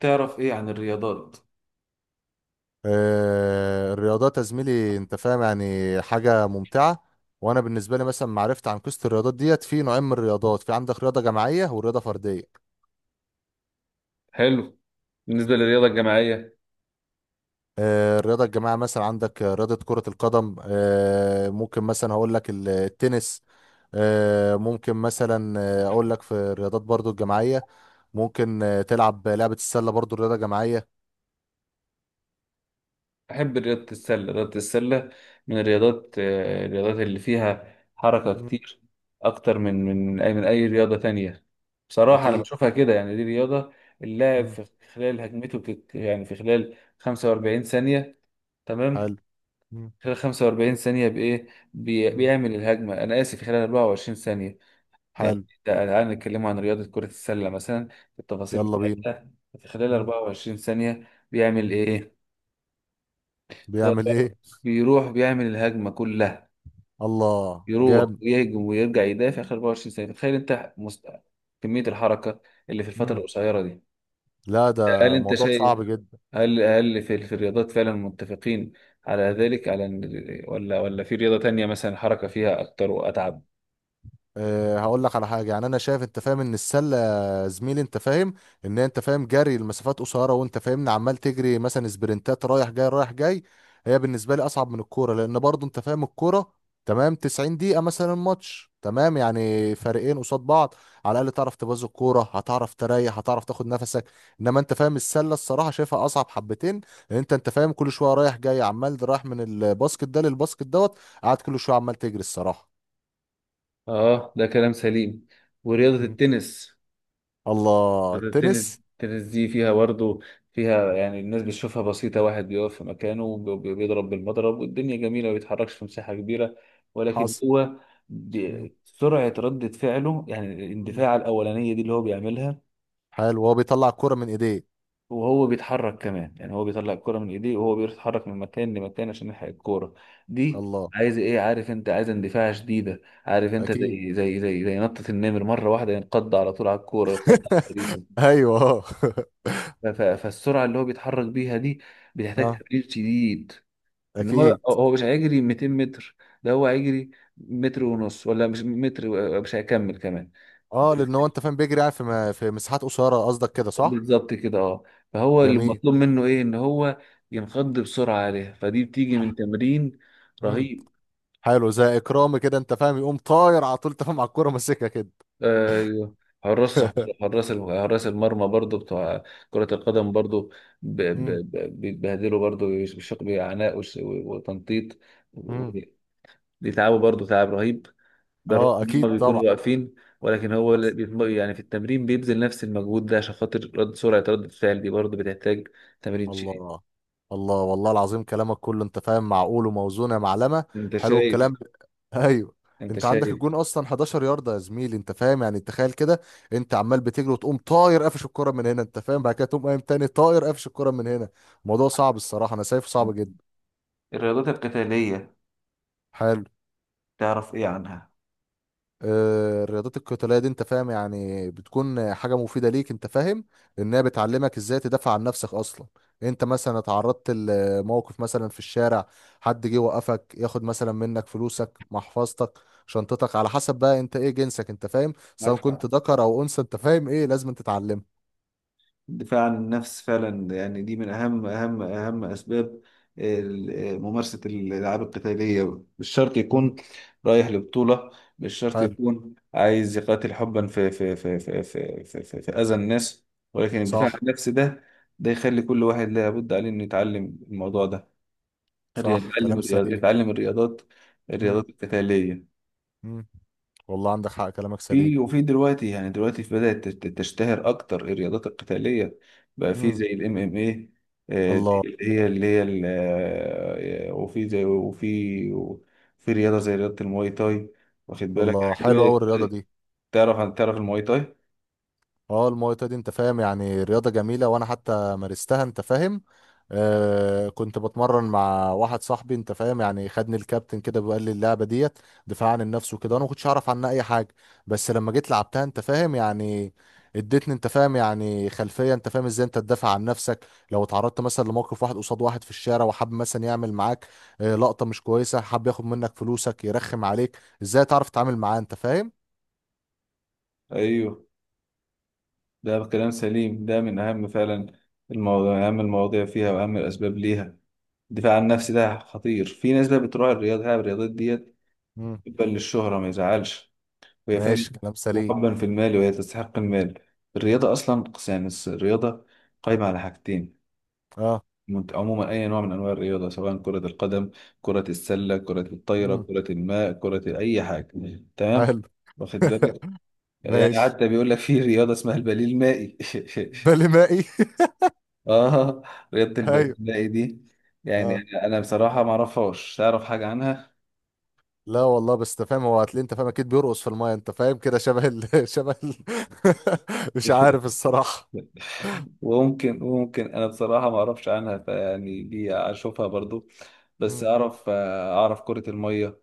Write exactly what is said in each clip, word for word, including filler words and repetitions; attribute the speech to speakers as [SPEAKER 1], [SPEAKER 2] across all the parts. [SPEAKER 1] تعرف ايه عن الرياضات؟
[SPEAKER 2] آه، الرياضات يا زميلي انت فاهم يعني حاجة ممتعة. وانا بالنسبة لي مثلا معرفت عن قصة الرياضات ديت، في نوعين من الرياضات، في عندك رياضة جماعية ورياضة فردية.
[SPEAKER 1] حلو. بالنسبة للرياضة الجماعية،
[SPEAKER 2] آه، الرياضة الجماعية مثلا عندك آه، رياضة كرة القدم، آه، ممكن مثلا هقول لك ال- التنس. آه، ممكن مثلا آه، اقول لك في الرياضات برضو الجماعية، ممكن آه، تلعب لعبة السلة برضو رياضة جماعية.
[SPEAKER 1] أحب رياضة السلة. رياضة السلة من الرياضات، آه، الرياضات اللي فيها حركة
[SPEAKER 2] مم.
[SPEAKER 1] كتير أكتر من من أي من أي رياضة تانية. بصراحة أنا
[SPEAKER 2] اكيد.
[SPEAKER 1] بشوفها كده، يعني دي رياضة اللاعب
[SPEAKER 2] مم.
[SPEAKER 1] في خلال هجمته بتت... يعني في خلال خمسة وأربعين ثانية. تمام.
[SPEAKER 2] حلو. مم.
[SPEAKER 1] خلال خمسة وأربعين ثانية بإيه؟ بي...
[SPEAKER 2] مم.
[SPEAKER 1] بيعمل الهجمة، أنا آسف، في خلال أربعة وعشرين ثانية. يعني
[SPEAKER 2] حلو.
[SPEAKER 1] ده الآن نتكلم عن رياضة كرة السلة مثلا، التفاصيل
[SPEAKER 2] يلا بينا.
[SPEAKER 1] بتاعتها. في خلال
[SPEAKER 2] مم.
[SPEAKER 1] أربعة وعشرين ثانية بيعمل
[SPEAKER 2] مم.
[SPEAKER 1] إيه؟
[SPEAKER 2] بيعمل
[SPEAKER 1] خلال،
[SPEAKER 2] ايه؟
[SPEAKER 1] بيروح بيعمل الهجمة كلها،
[SPEAKER 2] الله
[SPEAKER 1] يروح
[SPEAKER 2] جامد.
[SPEAKER 1] ويهجم ويرجع يدافع خلال أربعة وعشرين ثانية. تخيل أنت مست... كمية الحركة اللي في الفترة
[SPEAKER 2] مم.
[SPEAKER 1] القصيرة دي.
[SPEAKER 2] لا،
[SPEAKER 1] هل
[SPEAKER 2] ده
[SPEAKER 1] أنت
[SPEAKER 2] موضوع
[SPEAKER 1] شايف؟
[SPEAKER 2] صعب جدا.
[SPEAKER 1] هل هل في, في الرياضات فعلا متفقين على
[SPEAKER 2] مم.
[SPEAKER 1] ذلك، على إن- ولا ولا في رياضة تانية مثلا الحركة فيها أكتر وأتعب؟
[SPEAKER 2] أه هقول لك على حاجه، يعني انا شايف انت فاهم ان السله يا زميلي انت فاهم ان انت فاهم جري المسافات قصيره، وانت فاهمني عمال تجري مثلا سبرنتات رايح جاي رايح جاي. هي بالنسبه لي اصعب من الكوره، لان برضو انت فاهم الكوره تمام، تسعين دقيقه مثلا ماتش تمام، يعني فريقين قصاد بعض، على الاقل تعرف تبوظ الكوره، هتعرف تريح، هتعرف تاخد نفسك. انما انت فاهم السله الصراحه شايفها اصعب حبتين، لان انت انت فاهم كل شويه رايح جاي، عمال رايح من الباسكت ده للباسكت دوت، قاعد كل شويه عمال تجري الصراحه.
[SPEAKER 1] آه، ده كلام سليم. ورياضة التنس،
[SPEAKER 2] الله،
[SPEAKER 1] التنس
[SPEAKER 2] التنس.
[SPEAKER 1] التنس دي فيها برضه، فيها يعني الناس بتشوفها بسيطة، واحد بيقف في مكانه وبي- بيضرب بالمضرب والدنيا جميلة، ما بيتحركش في مساحة كبيرة. ولكن
[SPEAKER 2] حصل.
[SPEAKER 1] هو
[SPEAKER 2] مم.
[SPEAKER 1] دي- سرعة ردة فعله، يعني
[SPEAKER 2] مم.
[SPEAKER 1] الاندفاع الأولانية دي اللي هو بيعملها
[SPEAKER 2] حلو، هو بيطلع الكرة من ايديه.
[SPEAKER 1] وهو بيتحرك كمان. يعني هو بيطلع الكرة من ايديه وهو بيتحرك من مكان لمكان عشان يلحق الكورة دي.
[SPEAKER 2] الله.
[SPEAKER 1] عايز ايه؟ عارف، انت عايز اندفاع شديدة. عارف، انت
[SPEAKER 2] اكيد.
[SPEAKER 1] زي زي زي زي نطة النمر، مرة واحدة ينقض على طول على الكورة، ينقض على الحديث.
[SPEAKER 2] ايوه اه.
[SPEAKER 1] ف- ف- فالسرعه اللي هو بيتحرك بيها دي بتحتاج
[SPEAKER 2] اه
[SPEAKER 1] تمرين شديد. ان هو
[SPEAKER 2] اكيد.
[SPEAKER 1] هو مش هيجري مئتين متر، ده هو هيجري متر ونص. ولا مش متر و- مش هيكمل كمان.
[SPEAKER 2] اه لان هو انت فاهم بيجري يعني في م- في مساحات قصيرة، قصدك كده صح؟
[SPEAKER 1] بالظبط كده، اه. فهو اللي
[SPEAKER 2] جميل.
[SPEAKER 1] مطلوب منه ايه؟ ان هو ينقض بسرعه عليها. فدي بتيجي من
[SPEAKER 2] ح-
[SPEAKER 1] تمرين
[SPEAKER 2] مم.
[SPEAKER 1] رهيب.
[SPEAKER 2] حلو، زي اكرامي كده انت فاهم، يقوم طاير على طول تفهم على الكرة ماسكها كده.
[SPEAKER 1] آه، حراس، حراس حراس المرمى برضو بتوع كرة القدم برضو، ب- ب-
[SPEAKER 2] مم.
[SPEAKER 1] ب- بيتبهدلوا برضو بشق بعناء وش- وتنطيط.
[SPEAKER 2] مم.
[SPEAKER 1] دي تعبه برضه، تعب رهيب، بالرغم
[SPEAKER 2] اه
[SPEAKER 1] ان
[SPEAKER 2] اكيد
[SPEAKER 1] هم بيكونوا
[SPEAKER 2] طبعا.
[SPEAKER 1] واقفين. ولكن هو اللي بي- يعني في التمرين بيبذل نفس المجهود ده. عشان خاطر رد سرعة رد الفعل دي برضه بتحتاج تمرين شديد.
[SPEAKER 2] الله. الله، والله العظيم كلامك كله انت فاهم معقول وموزون يا معلمه.
[SPEAKER 1] انت
[SPEAKER 2] حلو الكلام.
[SPEAKER 1] شايف؟
[SPEAKER 2] ايوه.
[SPEAKER 1] انت
[SPEAKER 2] انت عندك
[SPEAKER 1] شايف
[SPEAKER 2] الجون اصلا احدعشر يارده يا زميلي انت فاهم، يعني تخيل كده، انت عمال بتجري وتقوم طاير قافش الكره من هنا انت فاهم، بعد كده تقوم قايم تاني طاير قافش الكره من هنا. الموضوع صعب الصراحه، انا شايفه صعب جدا.
[SPEAKER 1] الرياضات القتالية،
[SPEAKER 2] حلو.
[SPEAKER 1] تعرف ايه عنها؟
[SPEAKER 2] آه، الرياضات القتالية دي انت فاهم يعني بتكون حاجة مفيدة ليك انت فاهم، لانها بتعلمك ازاي تدافع عن نفسك اصلا. انت مثلا اتعرضت لموقف مثلا في الشارع، حد جه وقفك ياخد مثلا منك فلوسك، محفظتك، شنطتك، على حسب بقى انت ايه جنسك انت فاهم،
[SPEAKER 1] معك
[SPEAKER 2] سواء كنت
[SPEAKER 1] حق،
[SPEAKER 2] ذكر او انثى انت فاهم ايه لازم تتعلمه.
[SPEAKER 1] الدفاع عن النفس فعلا، يعني دي من أهم أهم أهم أسباب ال- ممارسة الألعاب القتالية. مش شرط
[SPEAKER 2] مم.
[SPEAKER 1] يكون رايح لبطولة، مش شرط
[SPEAKER 2] حلو.
[SPEAKER 1] يكون عايز يقاتل حبا في في في في في في, في, في أذى الناس. ولكن الدفاع عن
[SPEAKER 2] صح.
[SPEAKER 1] النفس ده، ده يخلي كل واحد لابد عليه إنه يتعلم الموضوع ده،
[SPEAKER 2] صح
[SPEAKER 1] يتعلم
[SPEAKER 2] كلام
[SPEAKER 1] الرياض-
[SPEAKER 2] سليم.
[SPEAKER 1] يتعلم الرياضات،
[SPEAKER 2] مم.
[SPEAKER 1] الرياضات القتالية.
[SPEAKER 2] مم. والله عندك حق، كلامك سليم.
[SPEAKER 1] في وفي دلوقتي، يعني دلوقتي في بدأت تت- تشتهر أكتر الرياضات القتالية، بقى في
[SPEAKER 2] مم.
[SPEAKER 1] زي ال M M A. آه، دي
[SPEAKER 2] الله.
[SPEAKER 1] اللي هي اللي هي ال- آه، وفي زي، وفي وفي رياضة زي رياضة المواي تاي. واخد بالك؟
[SPEAKER 2] الله،
[SPEAKER 1] الحاجات دي
[SPEAKER 2] حلو قوي
[SPEAKER 1] بدأت-
[SPEAKER 2] الرياضة
[SPEAKER 1] بدأت-
[SPEAKER 2] دي.
[SPEAKER 1] تعرف عن، تعرف المواي تاي؟
[SPEAKER 2] اه، الماي دي انت فاهم يعني رياضة جميلة، وانا حتى مارستها انت فاهم. آه كنت بتمرن مع واحد صاحبي انت فاهم، يعني خدني الكابتن كده وقال لي اللعبة ديت دفاع عن النفس وكده، انا ما كنتش اعرف عنها اي حاجة، بس لما جيت لعبتها انت فاهم يعني اديتني انت فاهم يعني خلفية انت فاهم ازاي انت تدافع عن نفسك لو اتعرضت مثلا لموقف واحد قصاد واحد في الشارع، وحب مثلا يعمل معاك آه، لقطة مش كويسة، حب ياخد منك فلوسك، يرخم عليك، ازاي تعرف تتعامل معاه انت فاهم.
[SPEAKER 1] أيوه، ده كلام سليم. ده من أهم فعلا المواضيع، أهم المواضيع فيها وأهم الأسباب ليها، الدفاع عن النفس. ده خطير. في ناس بقى بتروح الرياضة الرياضات ديت
[SPEAKER 2] مم.
[SPEAKER 1] بتبقى للشهرة، ما يزعلش، وهي فعلا،
[SPEAKER 2] ماشي كلام سليم.
[SPEAKER 1] وحبا في المال، وهي تستحق المال. الرياضة أصلا يعني، الس- الرياضة قائمة على حاجتين.
[SPEAKER 2] اه.
[SPEAKER 1] مت- عموما أي نوع من أنواع الرياضة، سواء كرة القدم، كرة السلة، كرة الطايرة،
[SPEAKER 2] مم.
[SPEAKER 1] كرة الماء، كرة أي حاجة، مم. تمام؟
[SPEAKER 2] حلو.
[SPEAKER 1] واخد بالك، يعني
[SPEAKER 2] ماشي.
[SPEAKER 1] حتى بيقول لك في رياضة اسمها البليل المائي.
[SPEAKER 2] بالي مائي.
[SPEAKER 1] آه، رياضة البليل
[SPEAKER 2] ايوه
[SPEAKER 1] المائي دي، يعني
[SPEAKER 2] اه.
[SPEAKER 1] أنا بصراحة ما أعرفهاش. تعرف حاجة عنها؟
[SPEAKER 2] لا والله، بس انت فاهم هو هتلاقي انت فاهم اكيد بيرقص في المايه انت فاهم كده شبه ال... شبه ال... مش عارف الصراحه.
[SPEAKER 1] وممكن وممكن انا بصراحه ما اعرفش عنها. فيعني دي اشوفها برضو، بس
[SPEAKER 2] مم.
[SPEAKER 1] اعرف، اعرف كره الميه.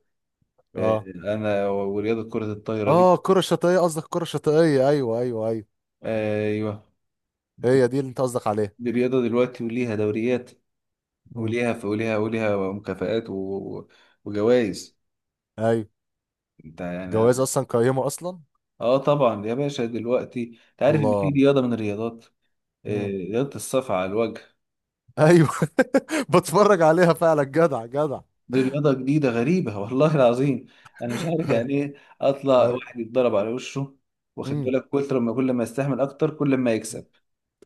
[SPEAKER 1] آه،
[SPEAKER 2] اه.
[SPEAKER 1] انا ورياضه كره الطايره
[SPEAKER 2] اه،
[SPEAKER 1] دي.
[SPEAKER 2] الكره الشاطئيه قصدك، الكره الشاطئيه، ايوه ايوه ايوه.
[SPEAKER 1] آه، ايوه،
[SPEAKER 2] هي دي اللي انت قصدك عليها.
[SPEAKER 1] دي رياضه دلوقتي وليها دوريات،
[SPEAKER 2] مم.
[SPEAKER 1] وليها وليها وليها مكافآت و- وجوائز.
[SPEAKER 2] ايوه.
[SPEAKER 1] انت
[SPEAKER 2] جواز
[SPEAKER 1] يعني،
[SPEAKER 2] اصلا، قيمه اصلا.
[SPEAKER 1] اه طبعا يا باشا. دلوقتي انت عارف ان في
[SPEAKER 2] الله.
[SPEAKER 1] رياضه من الرياضات، آه،
[SPEAKER 2] مم.
[SPEAKER 1] رياضه الصف على الوجه؟
[SPEAKER 2] ايوه. بتفرج عليها فعلا، جدع جدع.
[SPEAKER 1] دي رياضة جديدة غريبة، والله العظيم أنا مش عارف يعني إيه؟ أطلع
[SPEAKER 2] ايوه.
[SPEAKER 1] واحد يتضرب على وشه؟ واخد
[SPEAKER 2] مم.
[SPEAKER 1] بالك؟ كتر ما كل ما يستحمل أكتر كل ما يكسب.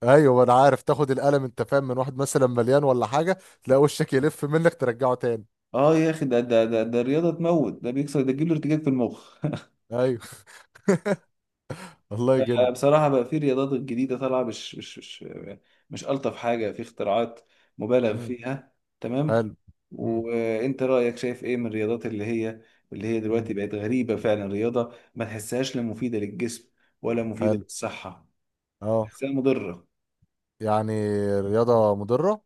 [SPEAKER 2] ايوه، ما انا عارف، تاخد القلم انت فاهم من واحد مثلا مليان ولا حاجه، تلاقي وشك يلف منك ترجعه تاني.
[SPEAKER 1] أه يا أخي، ده ده ده, ده الرياضة تموت، ده بيكسر، ده تجيب له ارتجاج في المخ.
[SPEAKER 2] ايوه. الله يجن.
[SPEAKER 1] بصراحة بقى، في رياضات جديدة طالعة مش مش مش مش ألطف حاجة، في اختراعات مبالغ
[SPEAKER 2] امم
[SPEAKER 1] فيها. تمام.
[SPEAKER 2] حلو. امم
[SPEAKER 1] وأنت رأيك، شايف إيه من الرياضات اللي هي اللي هي
[SPEAKER 2] امم
[SPEAKER 1] دلوقتي بقت غريبة فعلا، رياضة ما تحسهاش لا مفيدة للجسم ولا مفيدة
[SPEAKER 2] حلو.
[SPEAKER 1] للصحة؟
[SPEAKER 2] اه.
[SPEAKER 1] تحسها مضرة؟
[SPEAKER 2] يعني رياضه مضره.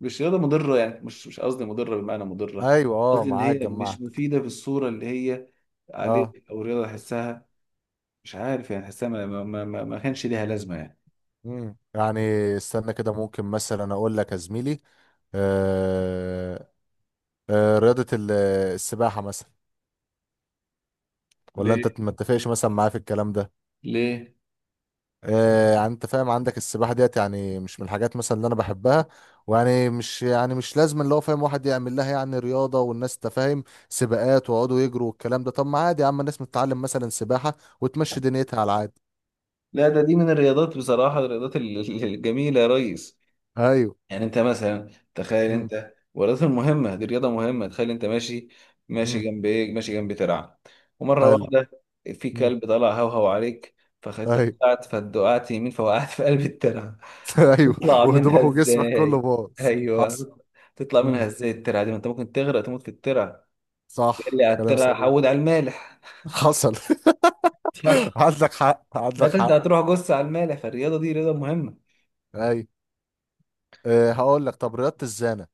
[SPEAKER 1] مش رياضة مضرة يعني، مش مش قصدي مضرة بمعنى مضرة،
[SPEAKER 2] ايوه اه
[SPEAKER 1] قصدي إن
[SPEAKER 2] معاك
[SPEAKER 1] هي مش
[SPEAKER 2] جمعت.
[SPEAKER 1] مفيدة في الصورة اللي هي
[SPEAKER 2] اه.
[SPEAKER 1] عليه. أو رياضة أحسها مش عارف، يعني أحسها ما, ما, ما, ما ما كانش ليها لازمة يعني.
[SPEAKER 2] امم يعني استنى كده، ممكن مثلا اقول لك يا زميلي، آه آه رياضه ال- السباحه مثلا. ولا
[SPEAKER 1] ليه؟
[SPEAKER 2] انت ما تتفقش مثلا معايا في الكلام ده؟
[SPEAKER 1] ليه؟
[SPEAKER 2] آه، يعني انت فاهم عندك السباحه ديت يعني مش من الحاجات مثلا اللي انا بحبها، ويعني مش يعني مش لازم اللي هو فاهم واحد يعمل لها يعني رياضه، والناس تفاهم سباقات ويقعدوا يجروا والكلام ده، طب ما عادي يا عم، الناس متتعلم مثلا سباحه وتمشي دنيتها على العادي.
[SPEAKER 1] لا، ده دي من الرياضات بصراحة، الرياضات ال- ال- الجميلة يا ريس.
[SPEAKER 2] ايوه.
[SPEAKER 1] يعني انت مثلا، تخيل
[SPEAKER 2] امم
[SPEAKER 1] انت، والرياضة مهمة، دي رياضة مهمة. تخيل انت ماشي، ماشي
[SPEAKER 2] امم
[SPEAKER 1] جنب ايه، ماشي جنب ترعة، ومرة
[SPEAKER 2] حلو.
[SPEAKER 1] واحدة في
[SPEAKER 2] امم
[SPEAKER 1] كلب طلع هوهو عليك، فانت
[SPEAKER 2] ايوه.
[SPEAKER 1] وقعت، فدقعت يمين، فوقعت في قلب الترعة.
[SPEAKER 2] ايوه.
[SPEAKER 1] هتطلع منها
[SPEAKER 2] وهدومك وجسمك كله
[SPEAKER 1] ازاي؟
[SPEAKER 2] باظ. حصل.
[SPEAKER 1] ايوه. تطلع منها
[SPEAKER 2] امم
[SPEAKER 1] ازاي الترعة دي؟ ما انت ممكن تغرق، تموت في الترعة. تقول لي
[SPEAKER 2] صح
[SPEAKER 1] على
[SPEAKER 2] كلام
[SPEAKER 1] الترعة
[SPEAKER 2] سليم.
[SPEAKER 1] حود على المالح؟
[SPEAKER 2] حصل.
[SPEAKER 1] صح.
[SPEAKER 2] عندك حق، عندك
[SPEAKER 1] لا، انت
[SPEAKER 2] حق.
[SPEAKER 1] هتروح جص على المالح. فالرياضة دي رياضة مهمة.
[SPEAKER 2] ايوه. أه هقول لك، طب رياضه الزانه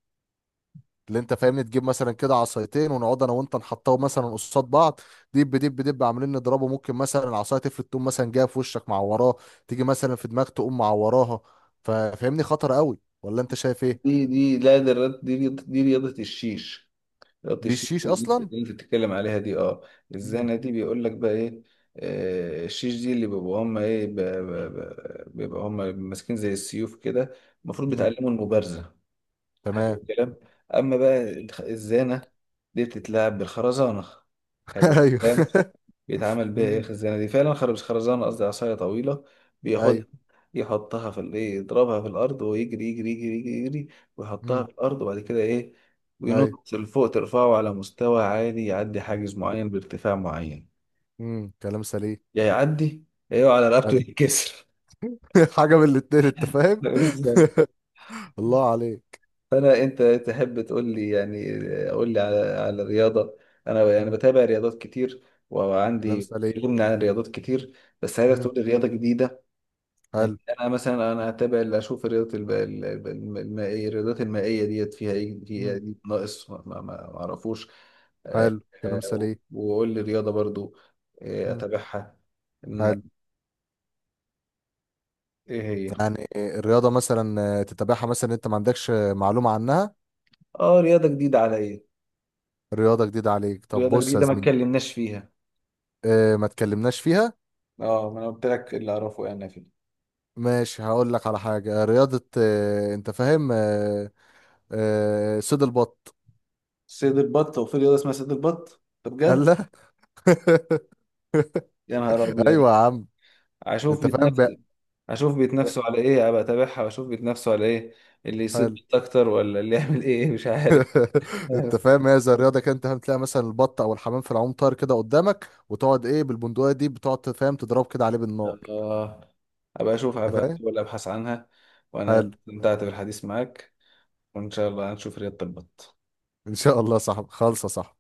[SPEAKER 2] اللي انت فاهمني، تجيب مثلا كده عصايتين ونقعد انا وانت نحطهم مثلا قصاد بعض، دب دب دب عاملين نضربه، ممكن مثلا العصايه تفلت، تقوم مثلا جايه في وشك معوراه، تيجي مثلا في دماغ تقوم معوراها، ففاهمني خطر قوي ولا انت شايف ايه؟
[SPEAKER 1] دي دي لا، دي الرياضة- دي رياضة دي رياضة الشيش. ربط
[SPEAKER 2] دي
[SPEAKER 1] الشيش
[SPEAKER 2] الشيش
[SPEAKER 1] اللي
[SPEAKER 2] اصلا.
[SPEAKER 1] انت بتتكلم عليها دي، اه.
[SPEAKER 2] امم
[SPEAKER 1] الزنة دي بيقول لك بقى ايه، آه، الشيش دي اللي بيبقوا هم ايه، ب- ب- ب- بيبقوا هم ماسكين زي السيوف كده، المفروض
[SPEAKER 2] امم
[SPEAKER 1] بيتعلموا المبارزة. حلو
[SPEAKER 2] تمام.
[SPEAKER 1] الكلام. اما بقى الخ- الزانة دي بتتلعب بالخرزانة. حلو
[SPEAKER 2] ايوه.
[SPEAKER 1] الكلام. بيتعمل بيها ايه
[SPEAKER 2] امم
[SPEAKER 1] الخزانه دي؟ فعلا خرب، مش خرزانه قصدي، عصايه طويله
[SPEAKER 2] ايوه.
[SPEAKER 1] بياخدها، يحطها في ال- ايه، يضربها في الارض ويجري، يجري يجري يجري, يجري ويحطها
[SPEAKER 2] امم
[SPEAKER 1] في الارض، وبعد كده ايه،
[SPEAKER 2] ايوه.
[SPEAKER 1] وينط لفوق، ترفعه على مستوى عالي، يعدي حاجز معين بارتفاع معين،
[SPEAKER 2] امم كلام سليم.
[SPEAKER 1] يا يعدي يا يقع على رقبته
[SPEAKER 2] حلو.
[SPEAKER 1] يتكسر.
[SPEAKER 2] حاجه من الاتنين انت فاهم.
[SPEAKER 1] بالظبط.
[SPEAKER 2] الله عليك.
[SPEAKER 1] فانا، انت تحب تقول لي يعني، قول لي على على الرياضه. انا يعني
[SPEAKER 2] امم
[SPEAKER 1] بتابع رياضات كتير،
[SPEAKER 2] كلام
[SPEAKER 1] وعندي
[SPEAKER 2] سليم.
[SPEAKER 1] علم عن الرياضات كتير، بس عايزك
[SPEAKER 2] امم
[SPEAKER 1] تقول لي رياضه جديده. يعني
[SPEAKER 2] حلو.
[SPEAKER 1] انا مثلا، انا هتابع اللي اشوف، الرياضات الب- ال- ال- الم- المائيه. الرياضات المائيه ديت فيها ايه، فيها
[SPEAKER 2] امم
[SPEAKER 1] إيه ناقص ما ما- ما- ما اعرفوش؟ آه،
[SPEAKER 2] حلو، كلام
[SPEAKER 1] آه،
[SPEAKER 2] سليم.
[SPEAKER 1] واقول لي رياضه برضو آه،
[SPEAKER 2] امم
[SPEAKER 1] اتابعها. إن-
[SPEAKER 2] حلو.
[SPEAKER 1] ايه هي؟
[SPEAKER 2] يعني الرياضة مثلا آه، تتابعها مثلا انت ما عندكش آه، معلومة عنها.
[SPEAKER 1] اه، رياضه جديده على ايه،
[SPEAKER 2] رياضة جديدة عليك؟ طب
[SPEAKER 1] رياضه
[SPEAKER 2] بص يا
[SPEAKER 1] جديده ما
[SPEAKER 2] زميلي،
[SPEAKER 1] اتكلمناش فيها.
[SPEAKER 2] اه ما تكلمناش فيها.
[SPEAKER 1] اه، ما انا قلت لك اللي اعرفه يعني فيه.
[SPEAKER 2] ماشي، هقول لك على حاجة، رياضة اه انت فاهم، اه، اه صيد البط.
[SPEAKER 1] صيد البط؟ وفي رياضه اسمها صيد البط؟ طب
[SPEAKER 2] قال
[SPEAKER 1] بجد؟
[SPEAKER 2] لا.
[SPEAKER 1] يا نهار ابيض.
[SPEAKER 2] ايوه يا عم،
[SPEAKER 1] اشوف
[SPEAKER 2] انت فاهم
[SPEAKER 1] بيتنافسوا،
[SPEAKER 2] بقى.
[SPEAKER 1] اشوف بيتنافسوا على ايه، ابقى اتابعها واشوف بيتنافسوا على ايه، اللي يصيد
[SPEAKER 2] حلو.
[SPEAKER 1] بيت اكتر ولا اللي يعمل ايه، مش عارف.
[SPEAKER 2] انت
[SPEAKER 1] بس
[SPEAKER 2] فاهم، هي زي الرياضه كده انت فاهم، تلاقي مثلا البط او الحمام في العوم طاير كده قدامك، وتقعد ايه بالبندقيه دي، بتقعد فاهم تضرب كده عليه بالنار.
[SPEAKER 1] اه، ابقى اشوف،
[SPEAKER 2] انت
[SPEAKER 1] ابقى
[SPEAKER 2] فاهم.
[SPEAKER 1] احاول ابحث عنها. وانا
[SPEAKER 2] حلو.
[SPEAKER 1] استمتعت بالحديث معاك، وان شاء الله هنشوف رياضة البط.
[SPEAKER 2] ان شاء الله. صح خالصه، صح.